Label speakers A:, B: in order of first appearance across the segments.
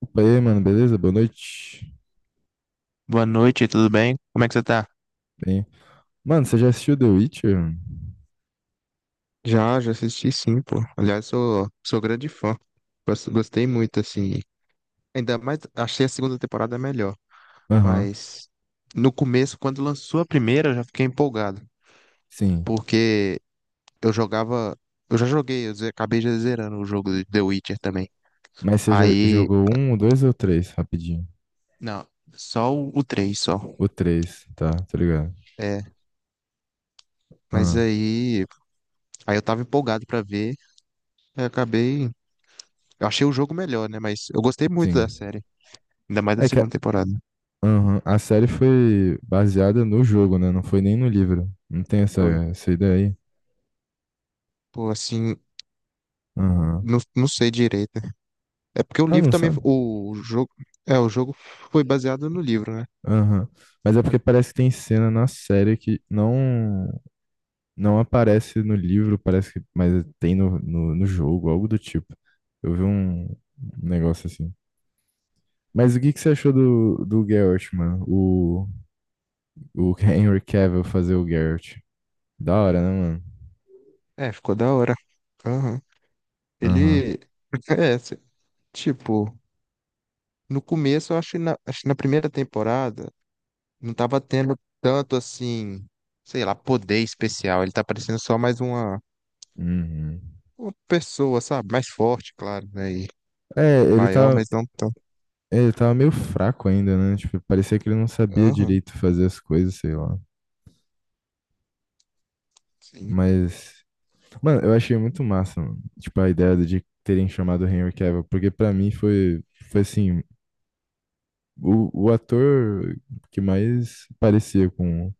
A: Opa, e aí, mano, beleza? Boa noite.
B: Boa noite, tudo bem? Como é que você tá?
A: Bem, mano, você já assistiu The Witcher?
B: Já assisti sim, pô. Aliás, sou grande fã. Gostei muito, assim. Ainda mais, achei a segunda temporada melhor.
A: Aham,
B: Mas no começo, quando lançou a primeira, eu já fiquei empolgado.
A: sim.
B: Porque eu jogava. Eu já joguei, acabei já zerando o jogo de The Witcher também.
A: Mas você já
B: Aí.
A: jogou o dois ou o três? Rapidinho.
B: Não, só o 3, só.
A: O três, tá, tá ligado?
B: É, mas
A: Ah,
B: aí. Aí eu tava empolgado pra ver. Aí eu acabei. Eu achei o jogo melhor, né? Mas eu gostei muito da
A: sim.
B: série. Ainda mais na
A: É que a,
B: segunda temporada.
A: aham, a série foi baseada no jogo, né? Não foi nem no livro. Não tem
B: Foi.
A: essa ideia aí?
B: Pô, assim,
A: Aham.
B: não sei direito. É porque o
A: Ah,
B: livro
A: não
B: também.
A: sabe?
B: O jogo. É, o jogo foi baseado no livro, né?
A: Aham. Mas é porque parece que tem cena na série que não. Não aparece no livro, parece que, mas tem no jogo, algo do tipo. Eu vi um negócio assim. Mas o que que você achou do Geralt, mano? O Henry Cavill fazer o Geralt. Da hora, né, mano?
B: É, ficou da hora. Aham.
A: Aham.
B: Ele. É, tipo, no começo eu acho que na primeira temporada não tava tendo tanto assim, sei lá, poder especial. Ele tá parecendo só mais uma,
A: Uhum.
B: uma pessoa, sabe? Mais forte, claro, né? E
A: É, ele
B: maior,
A: tava,
B: mas não tão.
A: Ele tava meio fraco ainda, né? Tipo, parecia que ele não sabia
B: Aham,
A: direito fazer as coisas, sei lá.
B: sim.
A: Mas, mano, eu achei muito massa, mano. Tipo, a ideia de terem chamado Henry Cavill, porque pra mim foi assim. O ator que mais parecia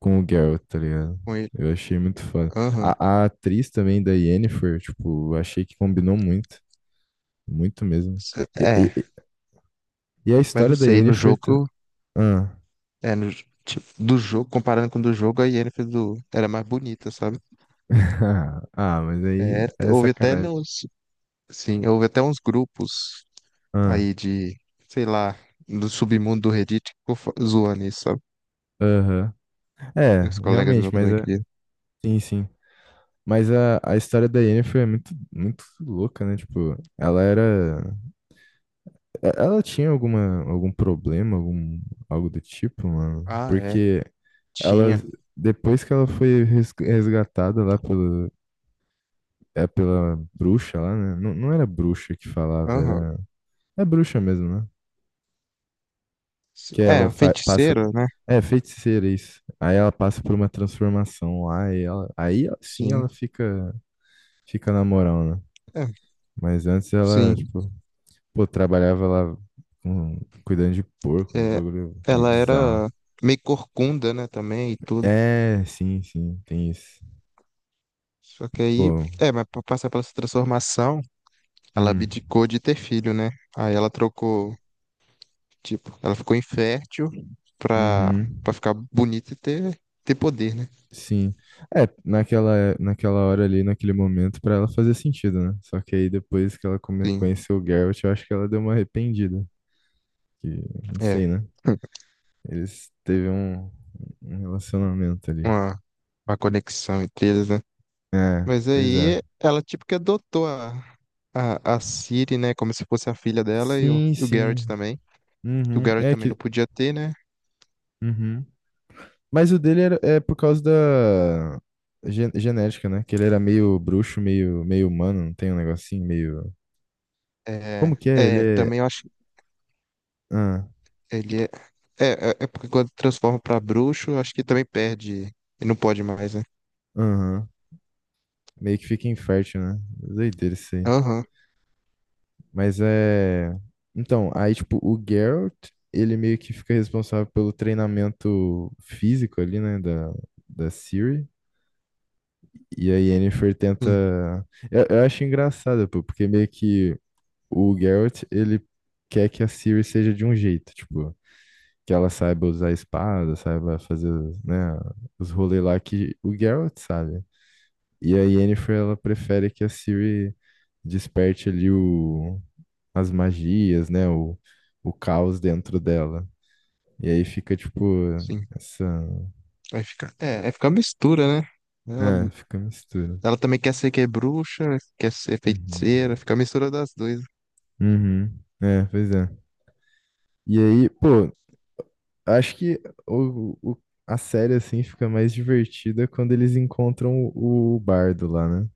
A: com o Geralt, tá ligado?
B: Com ele.
A: Eu achei muito foda.
B: Aham.
A: A atriz também da Yennefer, tipo, eu achei que combinou muito. Muito mesmo. E, e-
B: É,
A: e- e a
B: mas não
A: história da
B: sei, no
A: Yennefer... ta-
B: jogo,
A: Ah.
B: é, no, tipo, do jogo, comparando com o do jogo, a Yennefer do, era mais bonita, sabe?
A: Ah, mas aí
B: É,
A: é sacanagem.
B: sim, houve até uns grupos
A: Ah,
B: aí de, sei lá, do submundo do Reddit que ficou zoando isso, sabe?
A: aham. É,
B: Meus colegas meus
A: realmente, mas
B: também
A: é,
B: queriam.
A: sim, sim. Mas a história da Yennefer é muito, muito louca, né? Tipo, ela era. É, ela tinha alguma, algum problema, algum, algo do tipo, mano?
B: Ah, é,
A: Porque ela,
B: tinha.
A: depois que ela foi res- resgatada lá pela, é, pela bruxa lá, né? Não, não era bruxa que falava,
B: Aham.
A: era... É bruxa mesmo, né?
B: Sim.
A: Que ela
B: É,
A: fa- passa...
B: feiticeira, né?
A: É, feiticeira, isso. Aí ela passa por uma transformação lá e ela... Aí sim
B: Sim,
A: ela fica, fica na moral, né?
B: é,
A: Mas antes ela,
B: sim.
A: tipo, pô, trabalhava lá com- cuidando de porco, uns
B: É,
A: bagulho meio
B: ela
A: bizarro.
B: era meio corcunda, né, também e tudo.
A: É, sim, sim, tem isso.
B: Só que aí,
A: Pô,
B: é, mas pra passar pela transformação. Ela
A: hum,
B: abdicou de ter filho, né? Aí ela trocou, tipo, ela ficou infértil pra,
A: uhum,
B: pra ficar bonita e ter poder, né?
A: sim. Naquela hora ali, naquele momento, pra ela fazer sentido, né? Só que aí depois que ela come-
B: Sim,
A: conheceu o Geralt, eu acho que ela deu uma arrependida. Que, não
B: é.
A: sei, né? Eles teve um relacionamento ali.
B: Uma, uma conexão entre eles, né?
A: É,
B: Mas
A: pois é.
B: aí ela, tipo, que adotou a Ciri, né? Como se fosse a filha dela e o,
A: Sim,
B: e o Garrett
A: sim.
B: também. E o
A: Uhum,
B: Garrett
A: é
B: também não
A: que.
B: podia ter, né?
A: Uhum. Mas o dele era, é por causa da gen- genética, né? Que ele era meio bruxo, meio humano, não tem um negocinho meio. Como
B: É,
A: que é? Ele
B: é
A: é.
B: também eu acho que
A: Ah,
B: ele é. É, porque quando transforma pra bruxo, eu acho que também perde. E não pode mais, né?
A: aham. Meio que fica infértil, né? Doideira isso aí.
B: Aham,
A: Mas é. Então, aí, tipo, o Geralt, ele meio que fica responsável pelo treinamento físico ali, né? Da Ciri. E a Yennefer tenta.
B: sim,
A: Eu acho engraçado, pô, porque meio que o Geralt, ele quer que a Ciri seja de um jeito, tipo. Que ela saiba usar a espada, saiba fazer, os, né, os rolês lá que o Geralt sabe. E a Yennefer, ela prefere que a Ciri desperte ali as magias, né, o caos dentro dela. E aí fica, tipo,
B: sim.
A: essa...
B: Vai ficar mistura, né? Ela,
A: É, fica mistura.
B: ela também quer ser que é bruxa, quer ser
A: Uhum.
B: feiticeira, fica a mistura das duas.
A: Uhum. É, pois é. E aí, pô, acho que o, o- a série, assim, fica mais divertida quando eles encontram o bardo lá, né?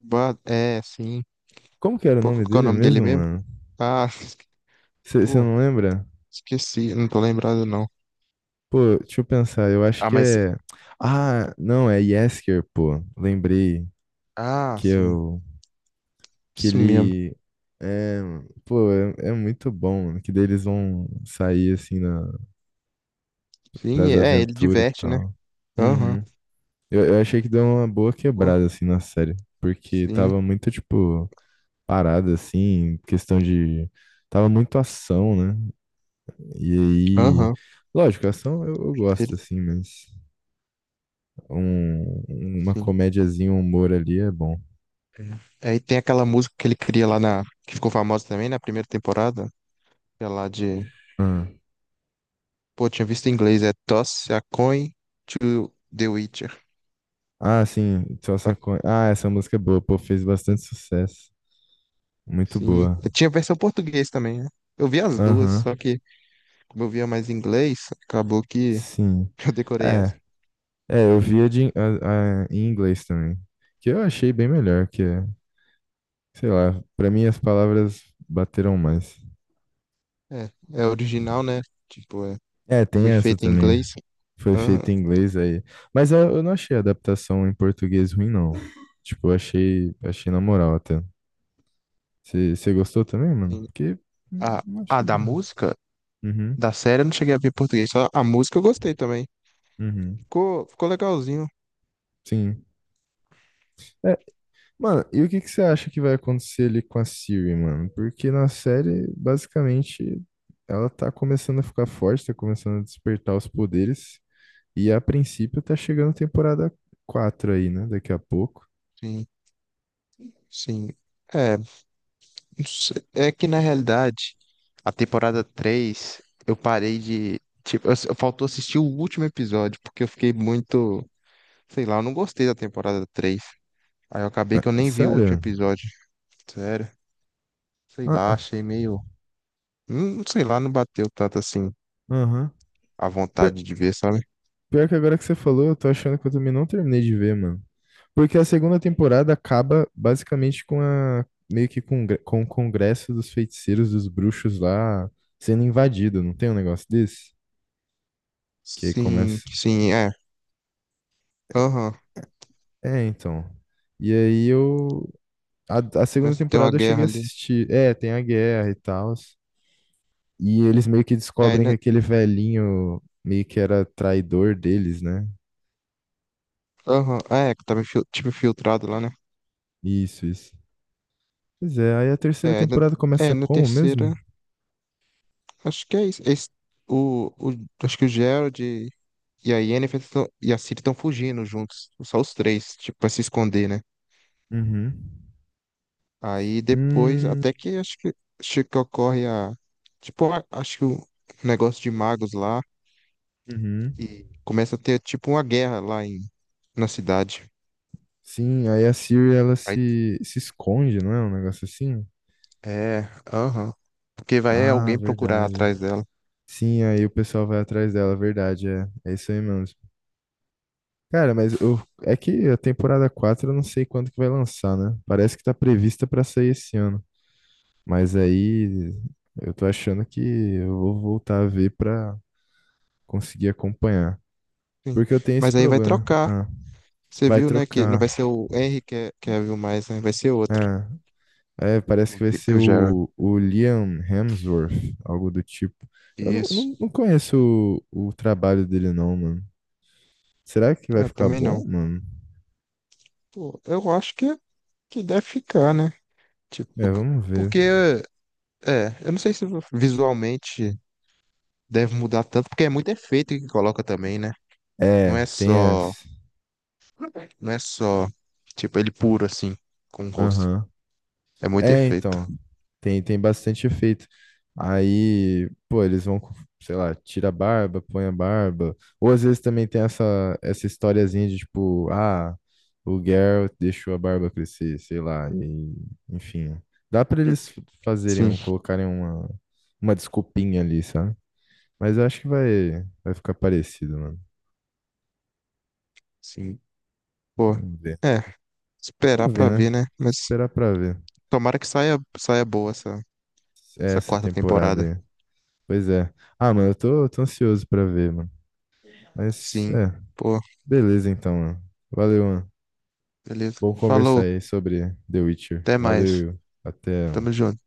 B: É, sim.
A: Como que era o
B: Pô, qual
A: nome
B: que é o
A: dele
B: nome dele
A: mesmo,
B: mesmo?
A: mano?
B: Ah,
A: Você
B: pô,
A: não lembra?
B: esqueci, não tô lembrado não.
A: Pô, deixa eu pensar, eu acho
B: Ah,
A: que
B: mas,
A: é. Ah, não, é Yesker, pô. Lembrei
B: ah,
A: que
B: sim,
A: eu. Que
B: isso mesmo.
A: ele. É, pô, é, é muito bom, mano. Que daí eles vão sair assim na,
B: Sim,
A: pras
B: é, ele
A: aventuras e
B: diverte, né?
A: tal.
B: Aham,
A: Uhum. Eu achei que deu uma boa
B: pô,
A: quebrada assim na série. Porque
B: sim,
A: tava muito, tipo, parada assim, questão de. Tava muito ação, né? E aí,
B: aham,
A: lógico, ação eu gosto,
B: ele,
A: assim, mas um, uma
B: sim.
A: comédiazinha, um humor ali é bom.
B: Aí tem aquela música que ele cria lá que ficou famosa também na primeira temporada, que é lá de,
A: Ah,
B: pô, tinha visto em inglês, é Toss a Coin to the Witcher.
A: ah, sim, só saco... Ah, essa música é boa, pô, fez bastante sucesso. Muito
B: Sim,
A: boa.
B: tinha versão português também, né? Eu vi as duas,
A: Aham,
B: só que como eu via mais inglês, acabou que
A: sim.
B: eu decorei
A: É,
B: essa.
A: é, eu via de, in- a- em inglês também, que eu achei bem melhor, que, é, sei lá, pra mim as palavras bateram mais.
B: É, original, né? Tipo, é,
A: É, tem
B: foi
A: essa
B: feita em
A: também.
B: inglês.
A: Foi feito
B: Aham.
A: em inglês aí. Mas eh, eu não achei a adaptação em português ruim, não. Tipo, eu achei, achei na moral até. Você gostou também, mano?
B: Sim.
A: Porque
B: Ah,
A: não
B: ah,
A: achei.
B: da
A: Não.
B: música?
A: Uhum,
B: Da série eu não cheguei a ver em português, só a música eu gostei também.
A: uhum.
B: Ficou legalzinho.
A: Sim. É, mano, e o que que você acha que vai acontecer ali com a Siri, mano? Porque na série, basicamente, ela tá começando a ficar forte, tá começando a despertar os poderes. E a princípio tá chegando temporada 4 aí, né? Daqui a pouco.
B: Sim, sim. É, não. É que na realidade, a temporada 3 eu parei de. Tipo, eu faltou assistir o último episódio, porque eu fiquei muito. Sei lá, eu não gostei da temporada três. Aí eu acabei que eu
A: Ah,
B: nem vi o último
A: sério?
B: episódio. Sério. Sei
A: Ah,
B: lá,
A: ah,
B: achei meio. Sei lá, não bateu tanto assim
A: aham.
B: a vontade de ver, sabe?
A: Pior que agora que você falou, eu tô achando que eu também não terminei de ver, mano. Porque a segunda temporada acaba basicamente com a meio que com, gre- com o congresso dos feiticeiros, dos bruxos lá sendo invadido, não tem um negócio desse? Que aí
B: Sim,
A: começa.
B: sim, é. Aham.
A: É, então. E aí eu a segunda
B: Começa a ter uma
A: temporada eu
B: guerra
A: cheguei a
B: ali.
A: assistir. É, tem a guerra e tal. E eles meio que
B: É,
A: descobrem que
B: né?
A: aquele velhinho meio que era traidor deles, né?
B: Aham. É, que tava tipo infiltrado lá, né?
A: Isso, isso. Pois é, aí a terceira
B: É,
A: temporada começa
B: na
A: como mesmo?
B: terceira. Acho que é isso. O, o- Acho que o Gerald e a Yennefer e a Ciri estão fugindo juntos. Só os três, tipo, pra se esconder, né?
A: Uhum.
B: Aí depois,
A: Hum,
B: até que acho que ocorre a. Tipo, acho que o negócio de magos lá.
A: uhum.
B: E começa a ter, tipo, uma guerra lá na cidade.
A: Sim, aí a Siri ela se esconde, não é? Um negócio assim?
B: É, aham. Porque vai
A: Ah,
B: alguém procurar
A: verdade.
B: atrás dela.
A: Sim, aí o pessoal vai atrás dela, verdade, é. É isso aí mesmo. Cara, mas eu, é que a temporada 4 eu não sei quando que vai lançar, né? Parece que tá prevista pra sair esse ano. Mas aí eu tô achando que eu vou voltar a ver pra conseguir acompanhar.
B: Sim.
A: Porque eu tenho esse
B: Mas aí vai
A: problema.
B: trocar.
A: Ah,
B: Você
A: vai
B: viu, né? Que não vai
A: trocar.
B: ser o Henry que Cavill mais, né? Vai ser outro.
A: É. É, parece
B: O
A: que vai
B: Ge-
A: ser
B: o Gerald.
A: o Liam Hemsworth, algo do tipo. Eu não,
B: Isso.
A: não, não conheço o trabalho dele, não, mano. Será que vai
B: Eu
A: ficar
B: também não.
A: bom, mano?
B: Pô, eu acho que é que deve ficar, né? Tipo,
A: É,
B: porque,
A: vamos ver.
B: porque, é, eu não sei se visualmente deve mudar tanto, porque é muito efeito que coloca também, né? Não é
A: É, tem
B: só,
A: as.
B: não é só, tipo, ele puro assim, com o rosto.
A: Aham.
B: É muito
A: É,
B: efeito.
A: então, tem, tem bastante efeito. Aí, pô, eles vão, com- sei lá, tira a barba, põe a barba. Ou às vezes também tem essa, essa historiazinha de tipo, ah, o Geralt deixou a barba crescer, sei lá. E, enfim, dá pra eles fazerem,
B: Sim,
A: um- colocarem uma desculpinha ali, sabe? Mas eu acho que vai, vai ficar parecido, mano.
B: sim. Pô,
A: Vamos ver.
B: é, esperar
A: Vamos ver,
B: pra ver,
A: né?
B: né? Mas
A: Esperar pra ver
B: tomara que saia boa essa
A: essa
B: quarta
A: temporada
B: temporada.
A: aí. Pois é. Ah, mano, eu tô, tô ansioso pra ver, mano. Mas
B: Sim,
A: é,
B: pô,
A: beleza então, mano. Valeu, mano.
B: beleza.
A: Bom conversar
B: Falou,
A: aí sobre The Witcher.
B: até mais.
A: Valeu, até.
B: Tamo
A: Mano.
B: junto.